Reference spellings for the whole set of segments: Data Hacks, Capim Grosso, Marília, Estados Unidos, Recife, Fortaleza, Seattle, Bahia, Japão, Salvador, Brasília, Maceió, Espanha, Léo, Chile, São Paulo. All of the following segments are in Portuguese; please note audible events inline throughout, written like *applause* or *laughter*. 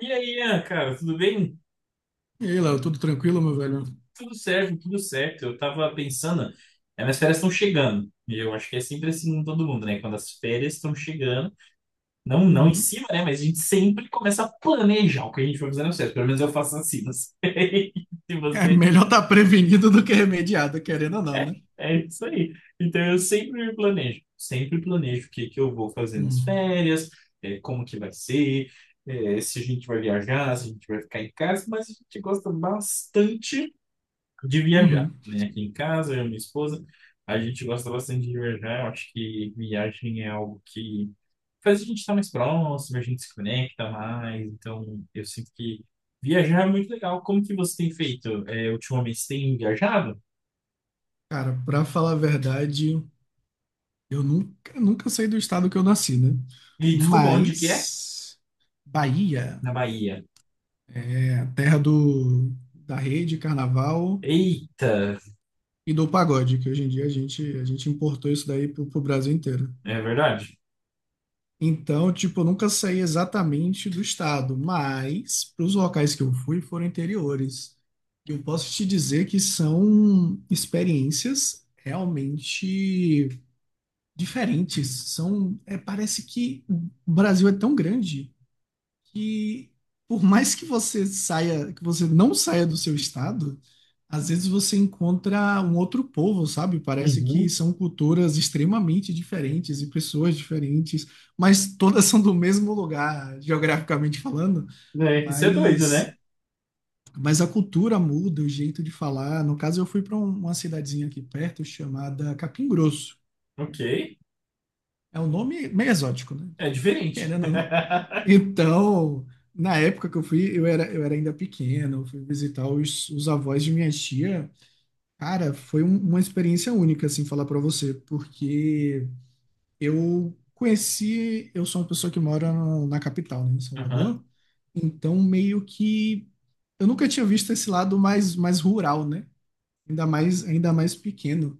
E aí, Ian, cara, tudo bem? E aí, Léo, tudo tranquilo, meu velho? Tudo certo, tudo certo. Eu tava pensando, as minhas férias estão chegando. E eu acho que é sempre assim com todo mundo, né? Quando as férias estão chegando, não, não em Uhum. cima, né? Mas a gente sempre começa a planejar o que a gente vai fazer nas férias. Pelo menos eu faço assim, não sei *laughs* se É você. melhor estar prevenido do que remediado, querendo ou não, É, né? é isso aí. Então eu sempre me planejo, sempre planejo o que que eu vou fazer nas Uhum. férias, como que vai ser. Se a gente vai viajar, se a gente vai ficar em casa, mas a gente gosta bastante de viajar, Uhum. né? Aqui em casa, eu e minha esposa, a gente gosta bastante de viajar. Eu acho que viagem é algo que faz a gente estar mais próximo, a gente se conecta mais. Então, eu sinto que viajar é muito legal. Como que você tem feito? Ultimamente, você tem viajado? Cara, pra falar a verdade, eu nunca, nunca saí do estado que eu nasci, né? E desculpa, onde que é? Mas Bahia Na Bahia. é a terra da rede, carnaval Eita, e do pagode, que hoje em dia a gente importou isso daí pro Brasil inteiro. é verdade? Então, tipo, eu nunca saí exatamente do estado, mas para os locais que eu fui foram interiores. Eu posso te dizer que são experiências realmente diferentes. São, parece que o Brasil é tão grande que por mais que você saia, que você não saia do seu estado, às vezes você encontra um outro povo, sabe? Parece que Uhum. são culturas extremamente diferentes e pessoas diferentes, mas todas são do mesmo lugar, geograficamente falando, É, isso é doido, mas né? mas a cultura muda, o jeito de falar. No caso, eu fui para uma cidadezinha aqui perto chamada Capim Grosso. Ok. É um nome meio exótico, né? É Tipo, diferente. querendo, ou não. *laughs* Então, na época que eu fui, eu era ainda pequeno, eu fui visitar os avós de minha tia. Cara, foi uma experiência única, assim, falar pra você, porque eu sou uma pessoa que mora na capital, né, em Aham. Salvador, então meio que eu nunca tinha visto esse lado mais rural, né? Ainda mais, ainda mais pequeno.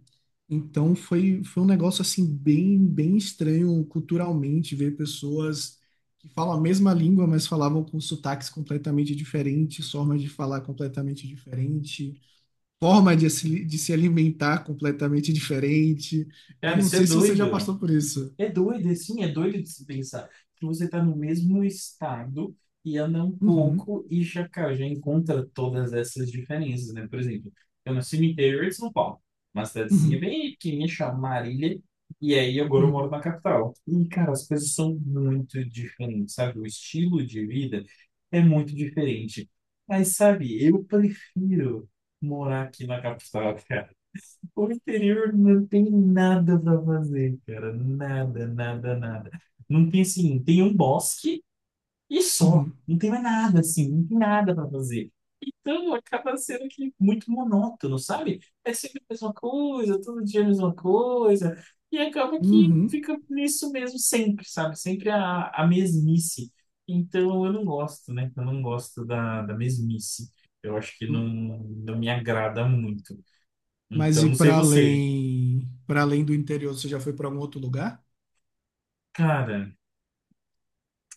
Então foi um negócio assim bem, bem estranho culturalmente ver pessoas que falam a mesma língua, mas falavam com sotaques completamente diferentes, formas de falar completamente diferente, forma de se alimentar completamente diferente. Eu Cara, não isso é sei se você já doido. passou por isso. É doido, assim, é doido de se pensar que você está no mesmo estado e anda um Uhum, pouco e já, cara, já encontra todas essas diferenças, né? Por exemplo, eu nasci no interior de São Paulo, uma cidadezinha uhum, bem pequenininha chamada Marília, e aí agora eu uhum, moro na capital. E, cara, as coisas são muito diferentes, sabe? O estilo de vida é muito diferente. Mas, sabe, eu prefiro morar aqui na capital, cara. O interior não tem nada pra fazer, cara. Nada, nada, nada. Não tem assim, tem um bosque e só. Não tem mais nada, assim, não tem nada pra fazer. Então acaba sendo que muito monótono, sabe? É sempre a mesma coisa, todo dia a mesma coisa. E acaba que uhum, fica nisso mesmo sempre, sabe? Sempre a mesmice. Então eu não gosto, né? Eu não gosto da mesmice. Eu acho que não, uhum. não me agrada muito. Mas Então, e não sei você. Para além do interior, você já foi para algum outro lugar? Cara,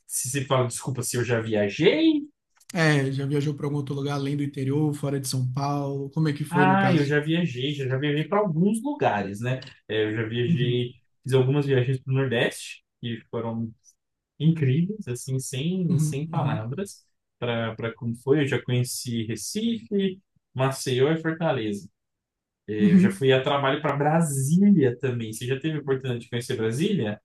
se você fala, desculpa, se eu já viajei? É, já viajou para algum outro lugar além do interior, fora de São Paulo? Como é que foi no Ah, eu caso? já viajei, já viajei para alguns lugares, né? Eu já Uhum, viajei, fiz algumas viagens para o Nordeste, que foram incríveis, assim, sem, uhum, sem uhum, palavras, para como foi. Eu já conheci Recife, Maceió e Fortaleza. Eu já uhum. fui a trabalho para Brasília também. Você já teve a oportunidade de conhecer Brasília?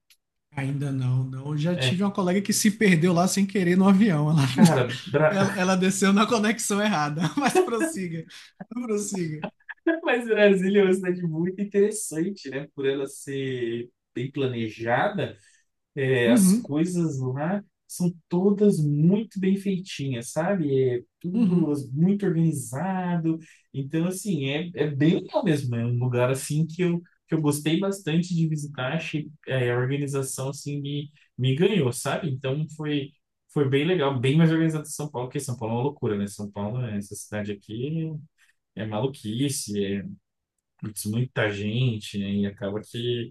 Ainda não, não. Eu já É, tive uma colega que se perdeu lá sem querer no avião. Ela, *laughs* cara, ela desceu na conexão errada. *laughs* Mas prossiga, prossiga. *laughs* Mas Brasília é uma cidade muito interessante, né? Por ela ser bem planejada, as Uhum, coisas lá são todas muito bem feitinhas, sabe? É tudo uhum. Muito organizado. Então, assim, é bem legal mesmo. É um lugar, assim, que eu gostei bastante de visitar. Achei, a organização, assim, me ganhou, sabe? Então, foi bem legal. Bem mais organizado que São Paulo, porque São Paulo é uma loucura, né? São Paulo, essa cidade aqui é maluquice, é putz, muita gente, né? E acaba que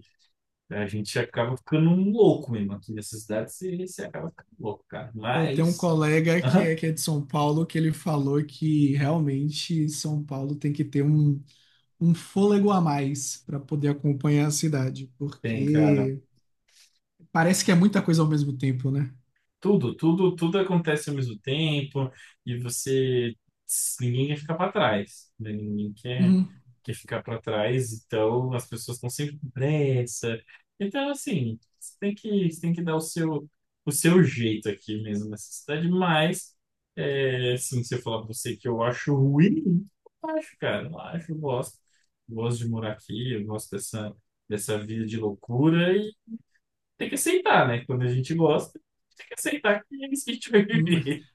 a gente acaba ficando um louco mesmo. Aqui nessa cidade você acaba ficando louco, cara. Eu tenho um Mas, colega aham, que é de São Paulo que ele falou que realmente São Paulo tem que ter um fôlego a mais para poder acompanhar a cidade, tem, cara. porque parece que é muita coisa ao mesmo tempo, né? Tudo, tudo, tudo acontece ao mesmo tempo e ninguém quer ficar para trás, né? Ninguém quer, Uhum. quer ficar para trás, então as pessoas estão sempre com pressa. Então, assim, você tem que dar o seu jeito aqui mesmo nessa cidade, mas, assim, se eu falar para você que eu acho ruim, eu acho, cara, eu acho, eu gosto de morar aqui, eu gosto dessa vida de loucura tem que aceitar, né? Quando a gente gosta, tem que aceitar que é isso que a gente vai viver.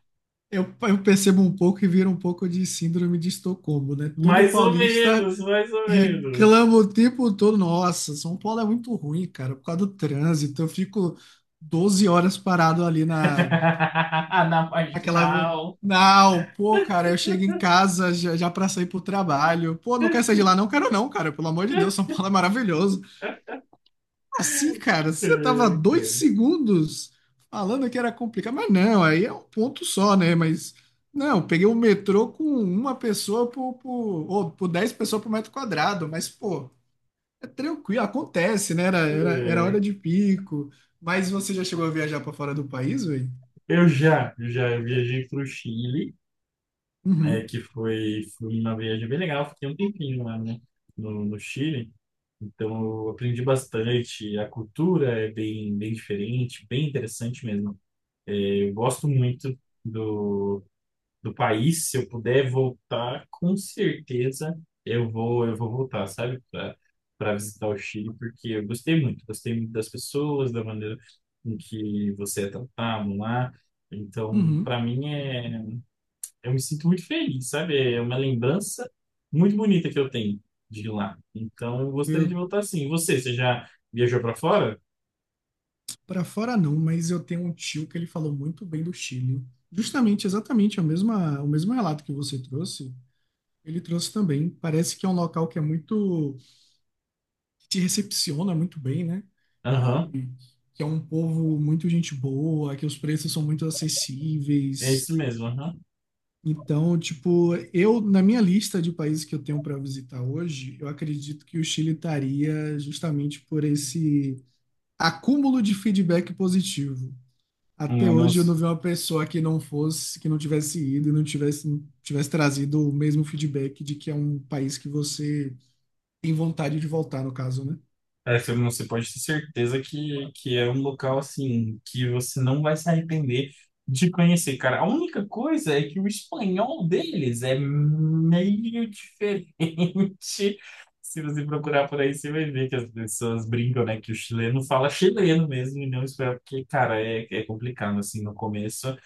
Eu percebo um pouco e vira um pouco de síndrome de Estocolmo, né? Todo Mais ou paulista menos, mais ou menos. reclama o tempo todo. Nossa, São Paulo é muito ruim, cara, por causa do trânsito. Eu fico 12 horas parado ali na, *laughs* Na aquela. marginal. Não, pô, cara, eu chego em casa já, já para sair pro trabalho. Pô, não quero sair de lá, não quero não, cara. Pelo amor de Deus, São Paulo é maravilhoso. Assim, cara, você tava É, dois cara. segundos falando que era complicado, mas não, aí é um ponto só, né? Mas não, peguei o metrô com uma pessoa ou por 10 pessoas por metro quadrado, mas pô, é tranquilo, acontece, né? Era É. hora de pico. Mas você já chegou a viajar pra fora do país, velho? Eu já viajei pro Chile, Uhum, que foi uma viagem bem legal, fiquei um tempinho lá, né, no Chile, então eu aprendi bastante, a cultura é bem, bem diferente, bem interessante mesmo. É, eu gosto muito do, do país, se eu puder voltar, com certeza eu vou voltar, sabe, para visitar o Chile, porque eu gostei muito das pessoas, da maneira em que você é tratado lá. Então, uhum. para mim eu me sinto muito feliz, sabe? É uma lembrança muito bonita que eu tenho de lá. Então, eu gostaria de Eu voltar sim. E você, você já viajou para fora? para fora não, mas eu tenho um tio que ele falou muito bem do Chile. Justamente, exatamente é o mesmo relato que você trouxe. Ele trouxe também. Parece que é um local que é muito, que te recepciona muito bem, né? Aham, E que é um povo muito gente boa, que os preços são muito é acessíveis. isso mesmo, aham. Então, tipo, eu, na minha lista de países que eu tenho para visitar hoje, eu acredito que o Chile estaria justamente por esse acúmulo de feedback positivo. Até Ah, hoje eu não nossa. vi uma pessoa que não fosse, que não tivesse ido e não tivesse, tivesse trazido o mesmo feedback de que é um país que você tem vontade de voltar, no caso, né? É, filme, você pode ter certeza que é um local assim que você não vai se arrepender de conhecer, cara. A única coisa é que o espanhol deles é meio diferente. *laughs* Se você procurar por aí, você vai ver que as pessoas brincam, né? Que o chileno fala chileno mesmo e não espanhol, porque, cara, é complicado assim no começo.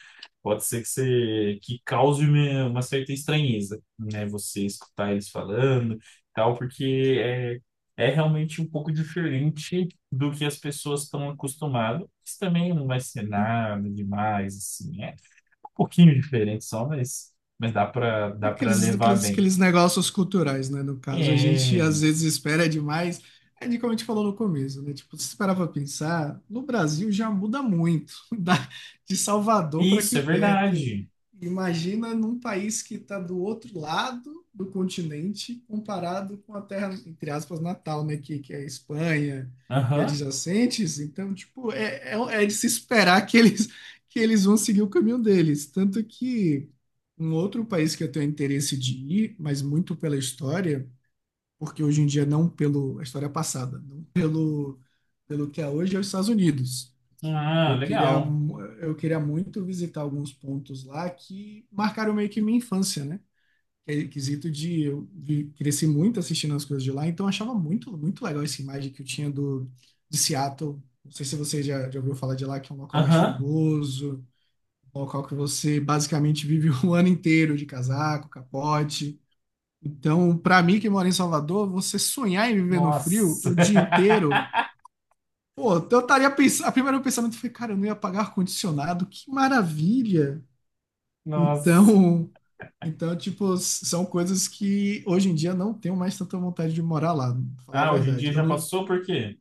Pode ser que, você, que cause uma certa estranheza, né? Você escutar eles falando e tal, porque é realmente um pouco diferente do que as pessoas estão acostumadas. Isso também não vai ser nada demais, assim. É um pouquinho diferente só, mas dá para levar bem. Aqueles negócios culturais, né? No caso, a gente É, às vezes espera demais, é de como a gente falou no começo, né? Tipo, se parar pra pensar, no Brasil já muda muito, *laughs* da, de Salvador para isso aqui é perto. verdade. Imagina num país que está do outro lado do continente, comparado com a terra, entre aspas, natal, né? Que é a Espanha e Aham. adjacentes. Então, tipo, é de se esperar que eles vão seguir o caminho deles. Tanto que. Um outro país que eu tenho interesse de ir, mas muito pela história, porque hoje em dia não pelo a história é passada, não pelo, pelo que é hoje, é os Estados Unidos. Ah, Eu queria, legal. mu- eu queria muito visitar alguns pontos lá que marcaram meio que minha infância, né? Que é quesito de cresci muito assistindo as coisas de lá, então eu achava muito, muito legal essa imagem que eu tinha do de Seattle. Não sei se você já ouviu falar de lá, que é um local mais Aham. chuvoso, um local que você basicamente vive *laughs* o ano inteiro de casaco, capote. Então, pra mim que mora em Salvador, você sonhar em viver no frio Nossa. o dia inteiro, pô, então eu estaria pensando, a primeiro pensamento foi, cara, eu não ia pagar ar-condicionado, que maravilha. *laughs* Nossa. Então, *laughs* então tipo, são coisas que hoje em dia não tenho mais tanta vontade de morar lá, pra falar a Ah, hoje em dia verdade. Eu já não, passou, por quê?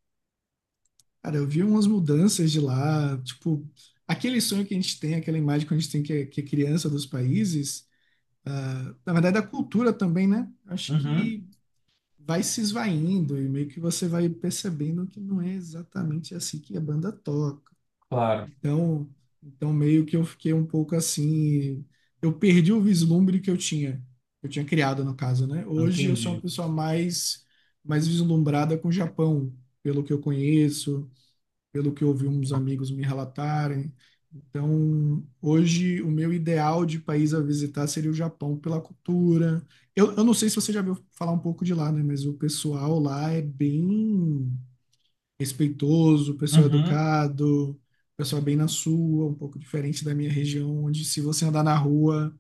cara, eu vi umas mudanças de lá, tipo, aquele sonho que a gente tem, aquela imagem que a gente tem que é criança dos países, ah, na verdade da cultura também, né? Acho Uhum. que vai se esvaindo e meio que você vai percebendo que não é exatamente assim que a banda toca. Claro, Então, então, meio que eu fiquei um pouco assim, eu perdi o vislumbre que eu tinha criado no caso, né? Hoje eu sou uma entendi. pessoa mais vislumbrada com o Japão, pelo que eu conheço, pelo que eu ouvi uns amigos me relatarem. Então, hoje, o meu ideal de país a visitar seria o Japão pela cultura. Eu não sei se você já viu falar um pouco de lá, né? Mas o pessoal lá é bem respeitoso, pessoal Uhum. educado, pessoal bem na sua, um pouco diferente da minha região, onde se você andar na rua,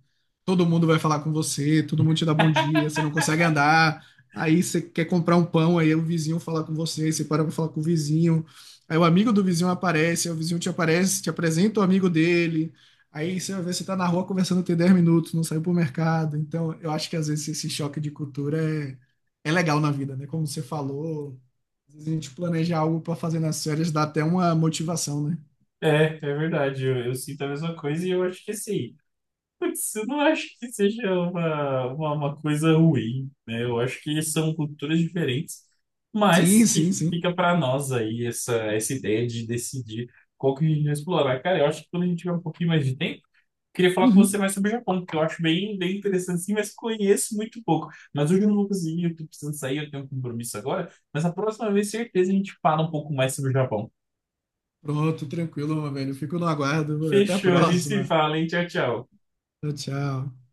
todo mundo vai falar com você, todo mundo te dá bom *laughs* dia, você não consegue andar, aí você quer comprar um pão, aí o vizinho fala com você, aí você para para falar com o vizinho, aí o amigo do vizinho aparece, aí o vizinho te aparece, te apresenta o amigo dele. Aí você vai ver, você tá na rua conversando tem 10 minutos, não saiu pro mercado. Então, eu acho que às vezes esse choque de cultura é legal na vida, né? Como você falou, às vezes a gente planejar algo para fazer nas férias dá até uma motivação, né? É, é verdade, eu sinto a mesma coisa e eu acho que assim, putz, eu não acho que seja uma coisa ruim, né? Eu acho que são culturas diferentes, Sim, mas que sim, sim. fica para nós aí essa ideia de decidir qual que a gente vai explorar. Cara, eu acho que quando a gente tiver um pouquinho mais de tempo, queria falar com você Uhum. mais sobre o Japão, porque eu acho bem, bem interessante sim, mas conheço muito pouco. Mas hoje eu não vou conseguir, eu tô precisando sair, eu tenho um compromisso agora, mas a próxima vez, certeza, a gente fala um pouco mais sobre o Japão. Pronto, tranquilo, meu velho. Fico no aguardo. Até a Fechou, a gente se próxima. fala, hein? Tchau, tchau. Tchau, tchau.